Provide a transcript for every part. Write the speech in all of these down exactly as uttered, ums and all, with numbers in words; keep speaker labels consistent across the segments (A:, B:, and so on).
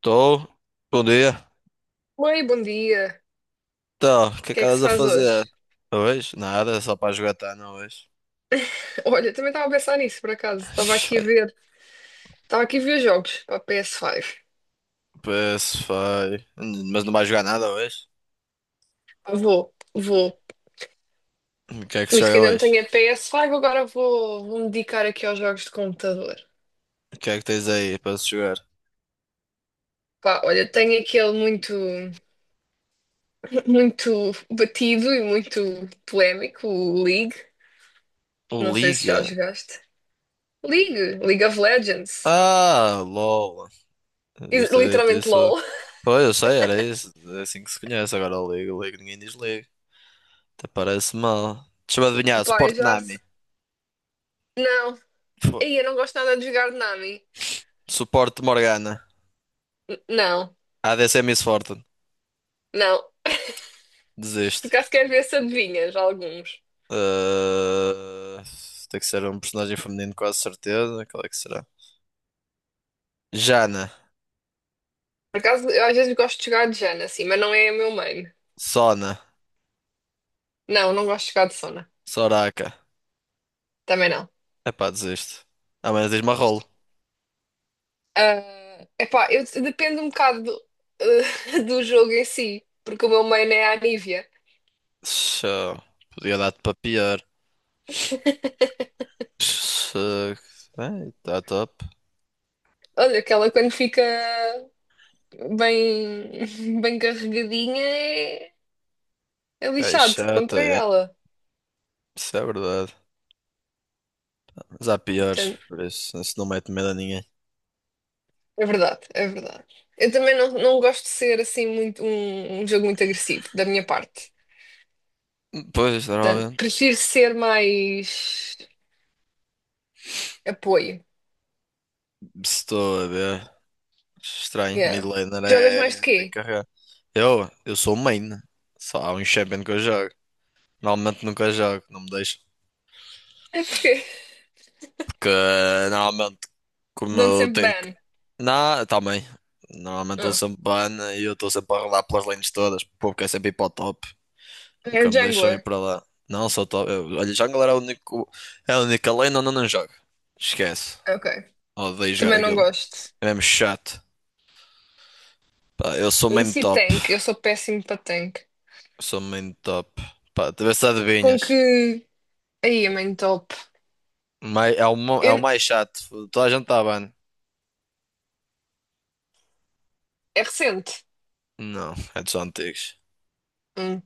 A: Tô. Bom dia.
B: Oi, bom dia.
A: Então, o que
B: O
A: é
B: que
A: que
B: é que se
A: andas a
B: faz hoje?
A: fazer hoje? Nada, só para jogar Tana hoje.
B: Olha, também estava a pensar nisso, por acaso. Estava aqui a
A: Foi.
B: ver, estava aqui a ver jogos para a P S cinco.
A: Pois foi. Mas não vais jogar nada hoje?
B: Vou, vou.
A: O que é que se
B: Visto que
A: joga
B: ainda não
A: hoje?
B: tenho a P S cinco, agora vou, vou me dedicar aqui aos jogos de computador.
A: O que é que tens aí para se jogar?
B: Pá, olha, tenho aquele muito, muito batido e muito polémico, o League.
A: O
B: Não sei se já
A: Liga?
B: jogaste. League, League of Legends.
A: Ah, LOL.
B: E-
A: Devias ter dito
B: Literalmente
A: isso.
B: LOL.
A: Foi, eu sei, era isso. É assim que se conhece agora o Liga. O Liga ninguém diz Liga. Até parece mal. Deixa-me adivinhar.
B: Pá, eu
A: Suporte
B: já... se-
A: Nami.
B: Não.
A: Fo-
B: Ei, eu não gosto nada de jogar Nami.
A: Suporte Morgana.
B: Não,
A: A D C Miss Fortune.
B: não. Por
A: Desiste.
B: acaso quero ver se adivinhas alguns.
A: Ah, tem que ser um personagem feminino, quase certeza. Qual é que será? Jana,
B: Por acaso, eu às vezes gosto de jogar de Jana, assim, mas não é o meu main.
A: Sona,
B: Não, não gosto de jogar de Sona.
A: Soraka.
B: Também não.
A: Epá, desisto. Ah, mas diz-me a rolo.
B: Ah, epá, eu dependo um bocado do, do jogo em si, porque o meu main é a Anivia.
A: Show. Podia dar-te para pior. Show. Bem, tá top.
B: Olha, aquela quando fica bem, bem carregadinha é, é
A: É
B: lixado
A: chata,
B: contra
A: é.
B: ela.
A: Isso é verdade. Mas há piores,
B: Portanto,
A: por isso, isso não mete medo a ninguém.
B: é verdade, é verdade. Eu também não, não gosto de ser assim muito um, um jogo muito agressivo da minha parte.
A: Pois,
B: Portanto,
A: normalmente.
B: prefiro ser mais apoio.
A: Se Estou a ver. Estranho, mid
B: Yeah.
A: laner
B: Jogas
A: é.
B: mais de
A: Tem que
B: quê?
A: carregar. Eu, eu sou main. Só há um champion que eu jogo. Normalmente nunca jogo, não me deixo.
B: É porque
A: Porque eh, normalmente, como
B: dão-te
A: eu
B: sempre
A: tenho que.
B: ban.
A: Não, também. Normalmente estou
B: Ah.
A: sempre ban e eu estou sempre a rolar pelas lanes todas. Porque é sempre ir para o top.
B: É
A: Nunca me deixam ir
B: jungler.
A: para lá. Não, sou top. Eu, olha, jungle era o único, é a única lane onde eu não jogo. Esquece.
B: Ok.
A: Odeio jogar
B: Também não
A: aquilo.
B: gosto.
A: É mesmo chato. Pá, eu sou
B: E
A: main
B: se
A: top.
B: tank? Eu sou péssimo para tank.
A: Sou main top. Pá, tu vê se
B: Com
A: adivinhas.
B: que. Aí, é main top.
A: Mai- é o, mo- é o
B: Eu-
A: mais chato. Toda a gente está ban.
B: É recente.
A: Não, é dos antigos.
B: Hum.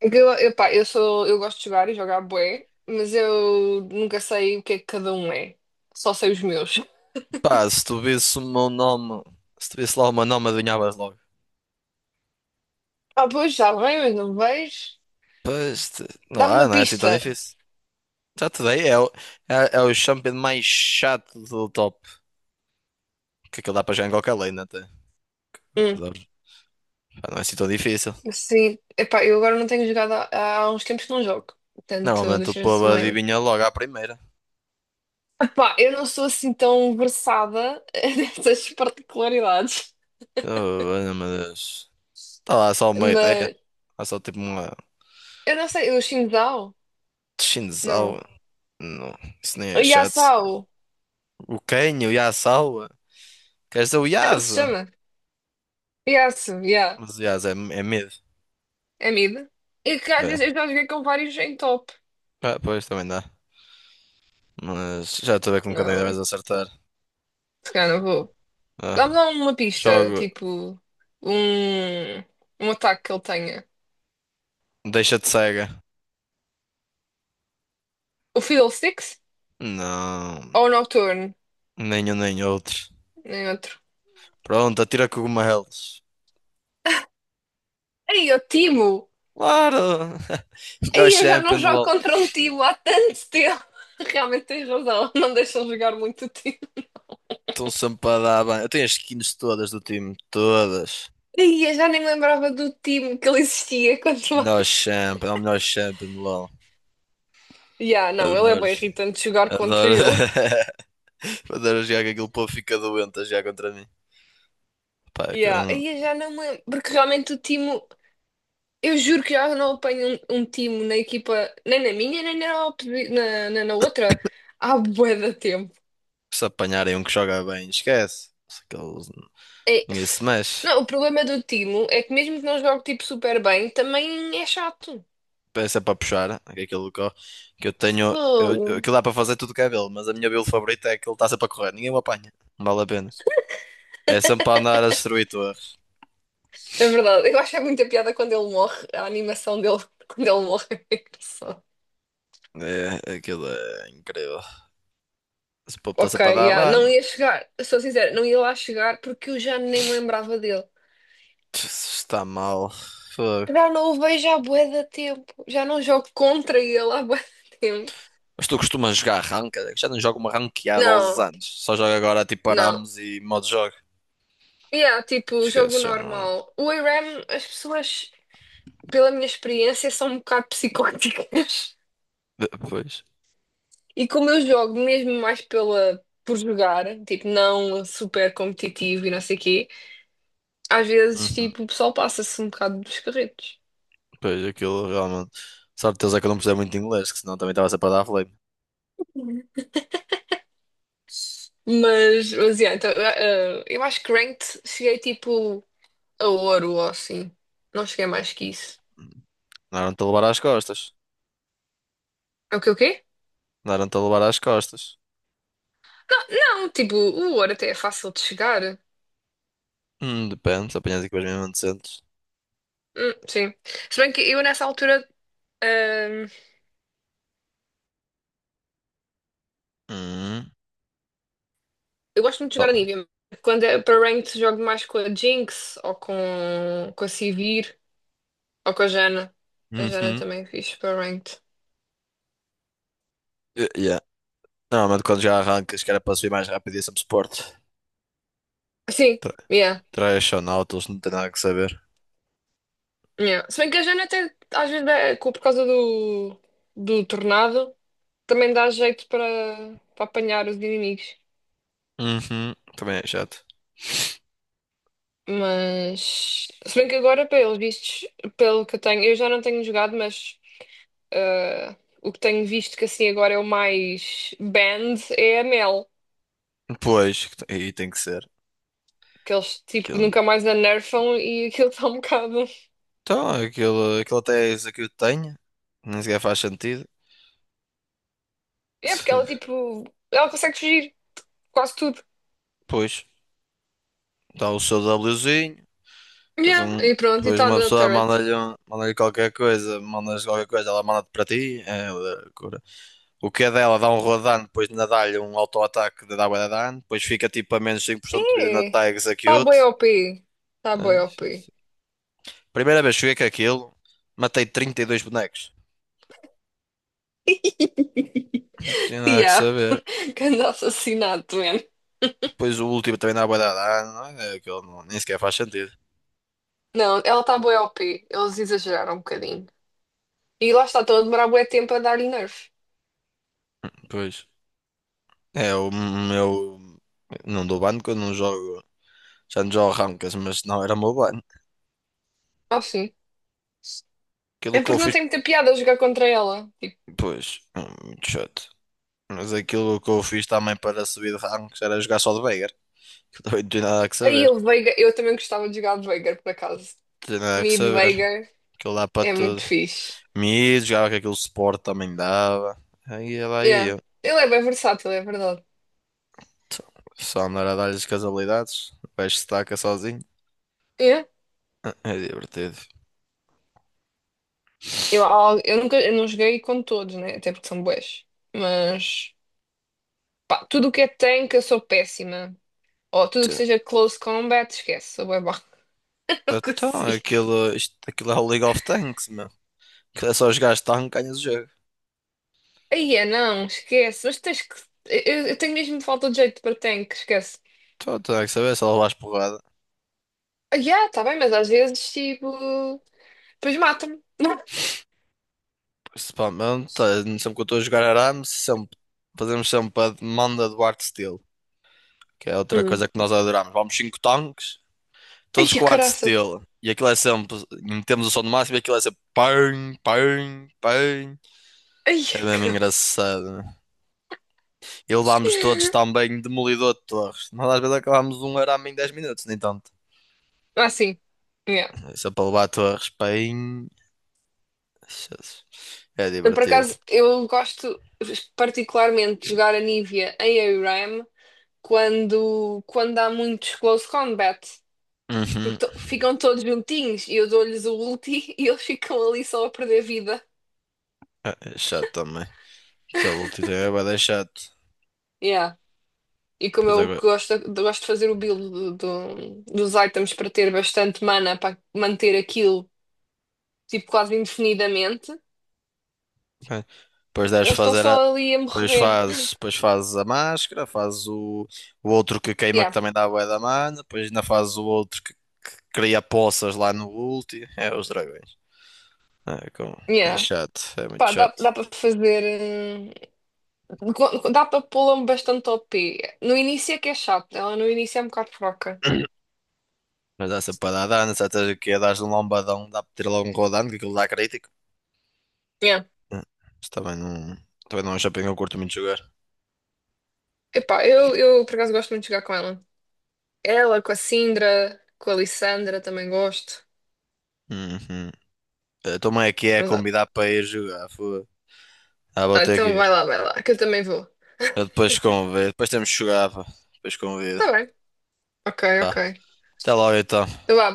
B: É que Eu, eu, pá, eu sou, eu gosto de jogar e jogar bué, mas eu nunca sei o que é que cada um é. Só sei os meus.
A: Pá, se tu visse o meu nome, se tu visse lá o meu nome, adivinhavas logo.
B: Ah, pois, já bem, mas não vejo.
A: Pois, te- não
B: Dá-me
A: há,
B: uma
A: não é assim tão
B: pista.
A: difícil. Já te dei, é o, é, é o champion mais chato do top. Que aquilo dá para jogar em qualquer lane até.
B: Hum.
A: Pá, não é assim tão difícil.
B: Sim, epá, eu agora não tenho jogado há, há uns tempos que não jogo. Portanto,
A: Normalmente o
B: deixa eu ver se
A: povo
B: me lembro.
A: adivinha logo à primeira.
B: Epá, eu não sou assim tão versada nessas particularidades.
A: Oh, olha, meu Deus. Está lá só uma ideia.
B: Mas
A: Há só tipo uma
B: eu não sei, o Xingdao?
A: Shinzal.
B: Não.
A: Não, isso nem
B: O
A: é chato. Sequer.
B: Yasao?
A: O Ken, o Yasawa. Queres dizer o
B: Como é que ele se
A: Yasa?
B: chama? Yasu, yeah.
A: Mas o Yasa é, é medo.
B: É mid. E que às
A: É.
B: vezes eu já joguei com vários em top.
A: Ah, pois, também dá. Mas já estou a ver com quem deves
B: Não,
A: acertar.
B: se calhar não vou.
A: Ah,
B: Dá-me lá uma pista,
A: jogo
B: tipo, um, um ataque que ele tenha.
A: Deixa-te Cega.
B: O Fiddlesticks
A: Não,
B: ou o Nocturne?
A: nenhum nem outro.
B: Nenhum.
A: Pronto, atira cogumelos.
B: Ei, o Timo!
A: Claro! Melhor
B: Ei, eu já não
A: champion do
B: jogo
A: LoL.
B: contra um Timo há tanto tempo! Realmente tens razão, não deixam jogar muito o Timo.
A: Estão sempre para dar bem. Eu tenho as skins todas do time, todas.
B: Ei, eu já nem me lembrava do Timo que ele existia quanto
A: Melhor
B: mais.
A: champion, é o melhor champion do LoL.
B: Ya, não, ele é
A: Adoro.
B: bem irritante jogar contra
A: Adoro.
B: ele.
A: Adoro jogar que aquele povo fica doente a jogar contra mim. Pá, é que,
B: Ya,
A: hum,
B: Ei, eu já não me lembro, porque realmente o Timo, eu juro que já não apanho um, um Timo na equipa, nem na minha, nem na, oposi- na, na, na outra, há bué de tempo.
A: se apanharem um que joga bem, esquece. Se Aqueles,
B: É,
A: ninguém se mexe.
B: Não, o problema do Timo é que mesmo que não jogue tipo super bem, também é chato.
A: Peça para puxar, aquele do Có, que eu que eu tenho. Eu, eu-
B: Fogo.
A: aquilo dá para fazer tudo que é dele, mas a minha build favorita é que ele está sempre a correr, ninguém o apanha. Não vale a pena. É sempre para andar a destruir torres.
B: É verdade, eu acho é muita piada quando ele morre, a animação dele quando ele morre é engraçado.
A: É, aquilo é incrível. Esse povo está
B: Ok,
A: sempre a dar
B: yeah.
A: ban.
B: Não ia chegar, sou sincera, não ia lá chegar porque eu já nem me lembrava dele.
A: Está mal. Fogo.
B: Já não o vejo há bué de tempo, já não jogo contra ele há bué de tempo.
A: Mas tu costumas jogar ranked? Já não jogo uma ranqueada há onze
B: Não,
A: anos. Só jogo agora tipo
B: não.
A: Arames e modo jogo.
B: Yeah, tipo, jogo
A: Esquece, já não.
B: normal. O ARAM, as pessoas, pela minha experiência, são um bocado psicóticas.
A: Pois.
B: E como eu jogo mesmo mais pela, por jogar, tipo, não super competitivo e não sei o quê. Às vezes,
A: Uhum.
B: tipo, o pessoal passa-se um bocado dos carretos.
A: Pois, aquilo realmente. Sorte deles é que eu não precisei muito de inglês, que senão também estava sempre a dar flame.
B: Mas, mas, yeah, então, eh, eh, eu acho que ranked cheguei, tipo, a ouro ou assim. Não cheguei mais que isso.
A: Não eram-te a levar às costas.
B: É o que o quê?
A: Andaram-te a levar às costas.
B: Não, tipo, o ouro até é fácil de chegar.
A: Hum, depende, se apanhas equipas mesmo decentes.
B: Hum, sim. Se bem que eu, nessa altura, eh,
A: Hum.
B: eu gosto muito de jogar a
A: Oh.
B: Nívea. Quando é para ranked, jogo mais com a Jinx ou com, com a Sivir ou com a Jana. A Jana
A: Uhum.
B: também é fixe para ranked.
A: Eh, Yeah. Normalmente quando já arrancas, que era para subir mais rápido e é sempre suporte.
B: Sim,
A: Tra-
B: yeah.
A: Trashonautas, não tem nada que saber.
B: Yeah. Se bem que a Jana até às vezes dá- co- por causa do, do tornado também dá jeito para, para apanhar os inimigos.
A: Uhum. Também é chato.
B: Mas se bem que agora, pelos vistos, pelo que eu tenho, eu já não tenho jogado, mas ah, o que tenho visto que assim agora é o mais banned é a Mel.
A: Depois, que te- aí tem que ser.
B: Que eles tipo
A: Aquilo,
B: nunca mais a nerfam e aquilo está um bocado.
A: então, aquilo, aquilo até é isso que eu tenho. Nem sequer faz sentido.
B: É porque ela
A: Se-
B: tipo. Ela consegue fugir quase tudo.
A: Pois, dá o seu Wzinho. Depois,
B: Yeah.
A: um,
B: E pronto, e
A: depois
B: está
A: uma
B: na
A: pessoa
B: turret.
A: manda-lhe um- manda-lhe qualquer coisa, mandas qualquer coisa, ela manda-te para ti. É loucura. O que é dela dá um rodano, depois ainda dá-lhe um auto-ataque de dar bué de dano, depois fica tipo a menos cinco por cento de vida na
B: É,
A: tag
B: tá bem
A: execute.
B: O P, tá
A: Ai,
B: bem
A: Jesus.
B: op.
A: Primeira vez que joguei com aquilo, matei trinta e dois bonecos. Não tinha nada que
B: Yeah,
A: saber.
B: grande assassinato, man.
A: Depois o último também dá bué de dano, é, É, aquilo não- nem sequer faz sentido.
B: Não, ela tá bem O P, eles exageraram um bocadinho. E lá está, estão a demorar bué tempo a dar-lhe nerf.
A: Pois. É o meu. Não dou ban quando não jogo. Já não jogo rankings, mas não era o meu ban.
B: Ah, sim.
A: Aquilo
B: É
A: que eu
B: porque não
A: fiz.
B: tem muita piada jogar contra ela. Tipo,
A: Pois, hum, muito chato. Mas aquilo que eu fiz também para subir de ranks era jogar só de Veigar. Que também não tinha nada a que
B: aí
A: saber.
B: o Veigar, eu também gostava de jogar de Veigar, por acaso.
A: Não tinha nada a que
B: Mid
A: saber.
B: Veigar
A: Aquilo dá para
B: é muito
A: tudo.
B: fixe.
A: Mid, jogava que aquele suporte também dava. Aí ia lá ia
B: Yeah.
A: eu.
B: Ele é bem versátil, é verdade.
A: Então, só andar a dar-lhes com as habilidades. O gajo se taca sozinho.
B: Yeah.
A: Ah, é divertido.
B: Eu, eu nunca, eu não joguei com todos, né? Até porque são bués. Mas. Pá, tudo o que é tanque eu sou péssima. Ou tudo o que
A: Então,
B: seja close combat, esquece, sou bué má. Não
A: então,
B: consigo.
A: aquilo, isto, aquilo é o League of Tanks, meu. Aquilo é só jogar tanque, ganhas o jogo.
B: Aí é, não, esquece. Mas tens que. Eu, eu tenho mesmo falta de jeito para tanque, esquece.
A: Então, não tinha nada a saber, só levas porrada.
B: Ah, yeah, tá bem, mas às vezes, tipo. Depois matam-me. Não.
A: Principalmente, eh, sempre que eu estou a jogar Arames, sempre, fazemos sempre a demanda do Art Steel, que é outra
B: Hum.
A: coisa que nós adoramos. Vamos cinco tanques, todos
B: Ai, a
A: com Art
B: caraças.
A: Steel. E aquilo é sempre, metemos o som no máximo e aquilo é sempre pão, pão, pão.
B: Ai,
A: É
B: a
A: mesmo
B: caraças.
A: engraçado. E levámos todos também demolidor de torres. Nós às vezes acabámos um arame em dez minutos, nem tanto.
B: Ah, sim. Yeah.
A: Isso é para levar torres, pão. Jesus. É
B: Eu, Por
A: divertido.
B: acaso, eu gosto particularmente de jogar a Nívia em ARAM quando, quando há muitos close combat. Porque
A: Uhum.
B: to- ficam todos juntinhos e eu dou-lhes o ulti e eles ficam ali só a perder vida.
A: É é chato também. Aquele último é bué de chato.
B: Yeah. E como
A: Pois
B: eu
A: agora.
B: gosto, gosto de fazer o build do- do- dos items para ter bastante mana para manter aquilo tipo quase indefinidamente,
A: Ok. Depois deves
B: eles estão
A: fazer a.
B: só ali a
A: Depois
B: morrer.
A: fazes, depois fazes a máscara, fazes o, o outro que queima que
B: Yeah,
A: também dá bué da mana, depois ainda fazes o outro que, que cria poças lá no ulti. É os dragões. É, com- é
B: yeah.
A: chato, é muito
B: Pá, dá,
A: chato.
B: dá para fazer. hum, co- Dá para pô-la bastante o p. No início é que é chato, ela no início é um bocado fraca.
A: Mas dá sempre para dar dano, se estás aqui a dar um lombadão, dá para ter logo um rodando, que aquilo dá crítico.
B: Yeah.
A: Hum. Isso também não, também não é um shopping que eu curto muito jogar.
B: Epá, eu, eu por acaso gosto muito de jogar com ela. Ela com a Sindra, com a Lissandra também gosto.
A: Uhum. Eu também aqui é
B: Mas, ah,
A: convidar para ir jogar, foda. Ah, vou ter que
B: então vai
A: ir.
B: lá, vai lá, que eu também vou.
A: Eu depois convido. Depois temos que jogar, pá. Depois convido.
B: Tá bem. Ok, ok.
A: Pá. Até logo então.
B: Então vá,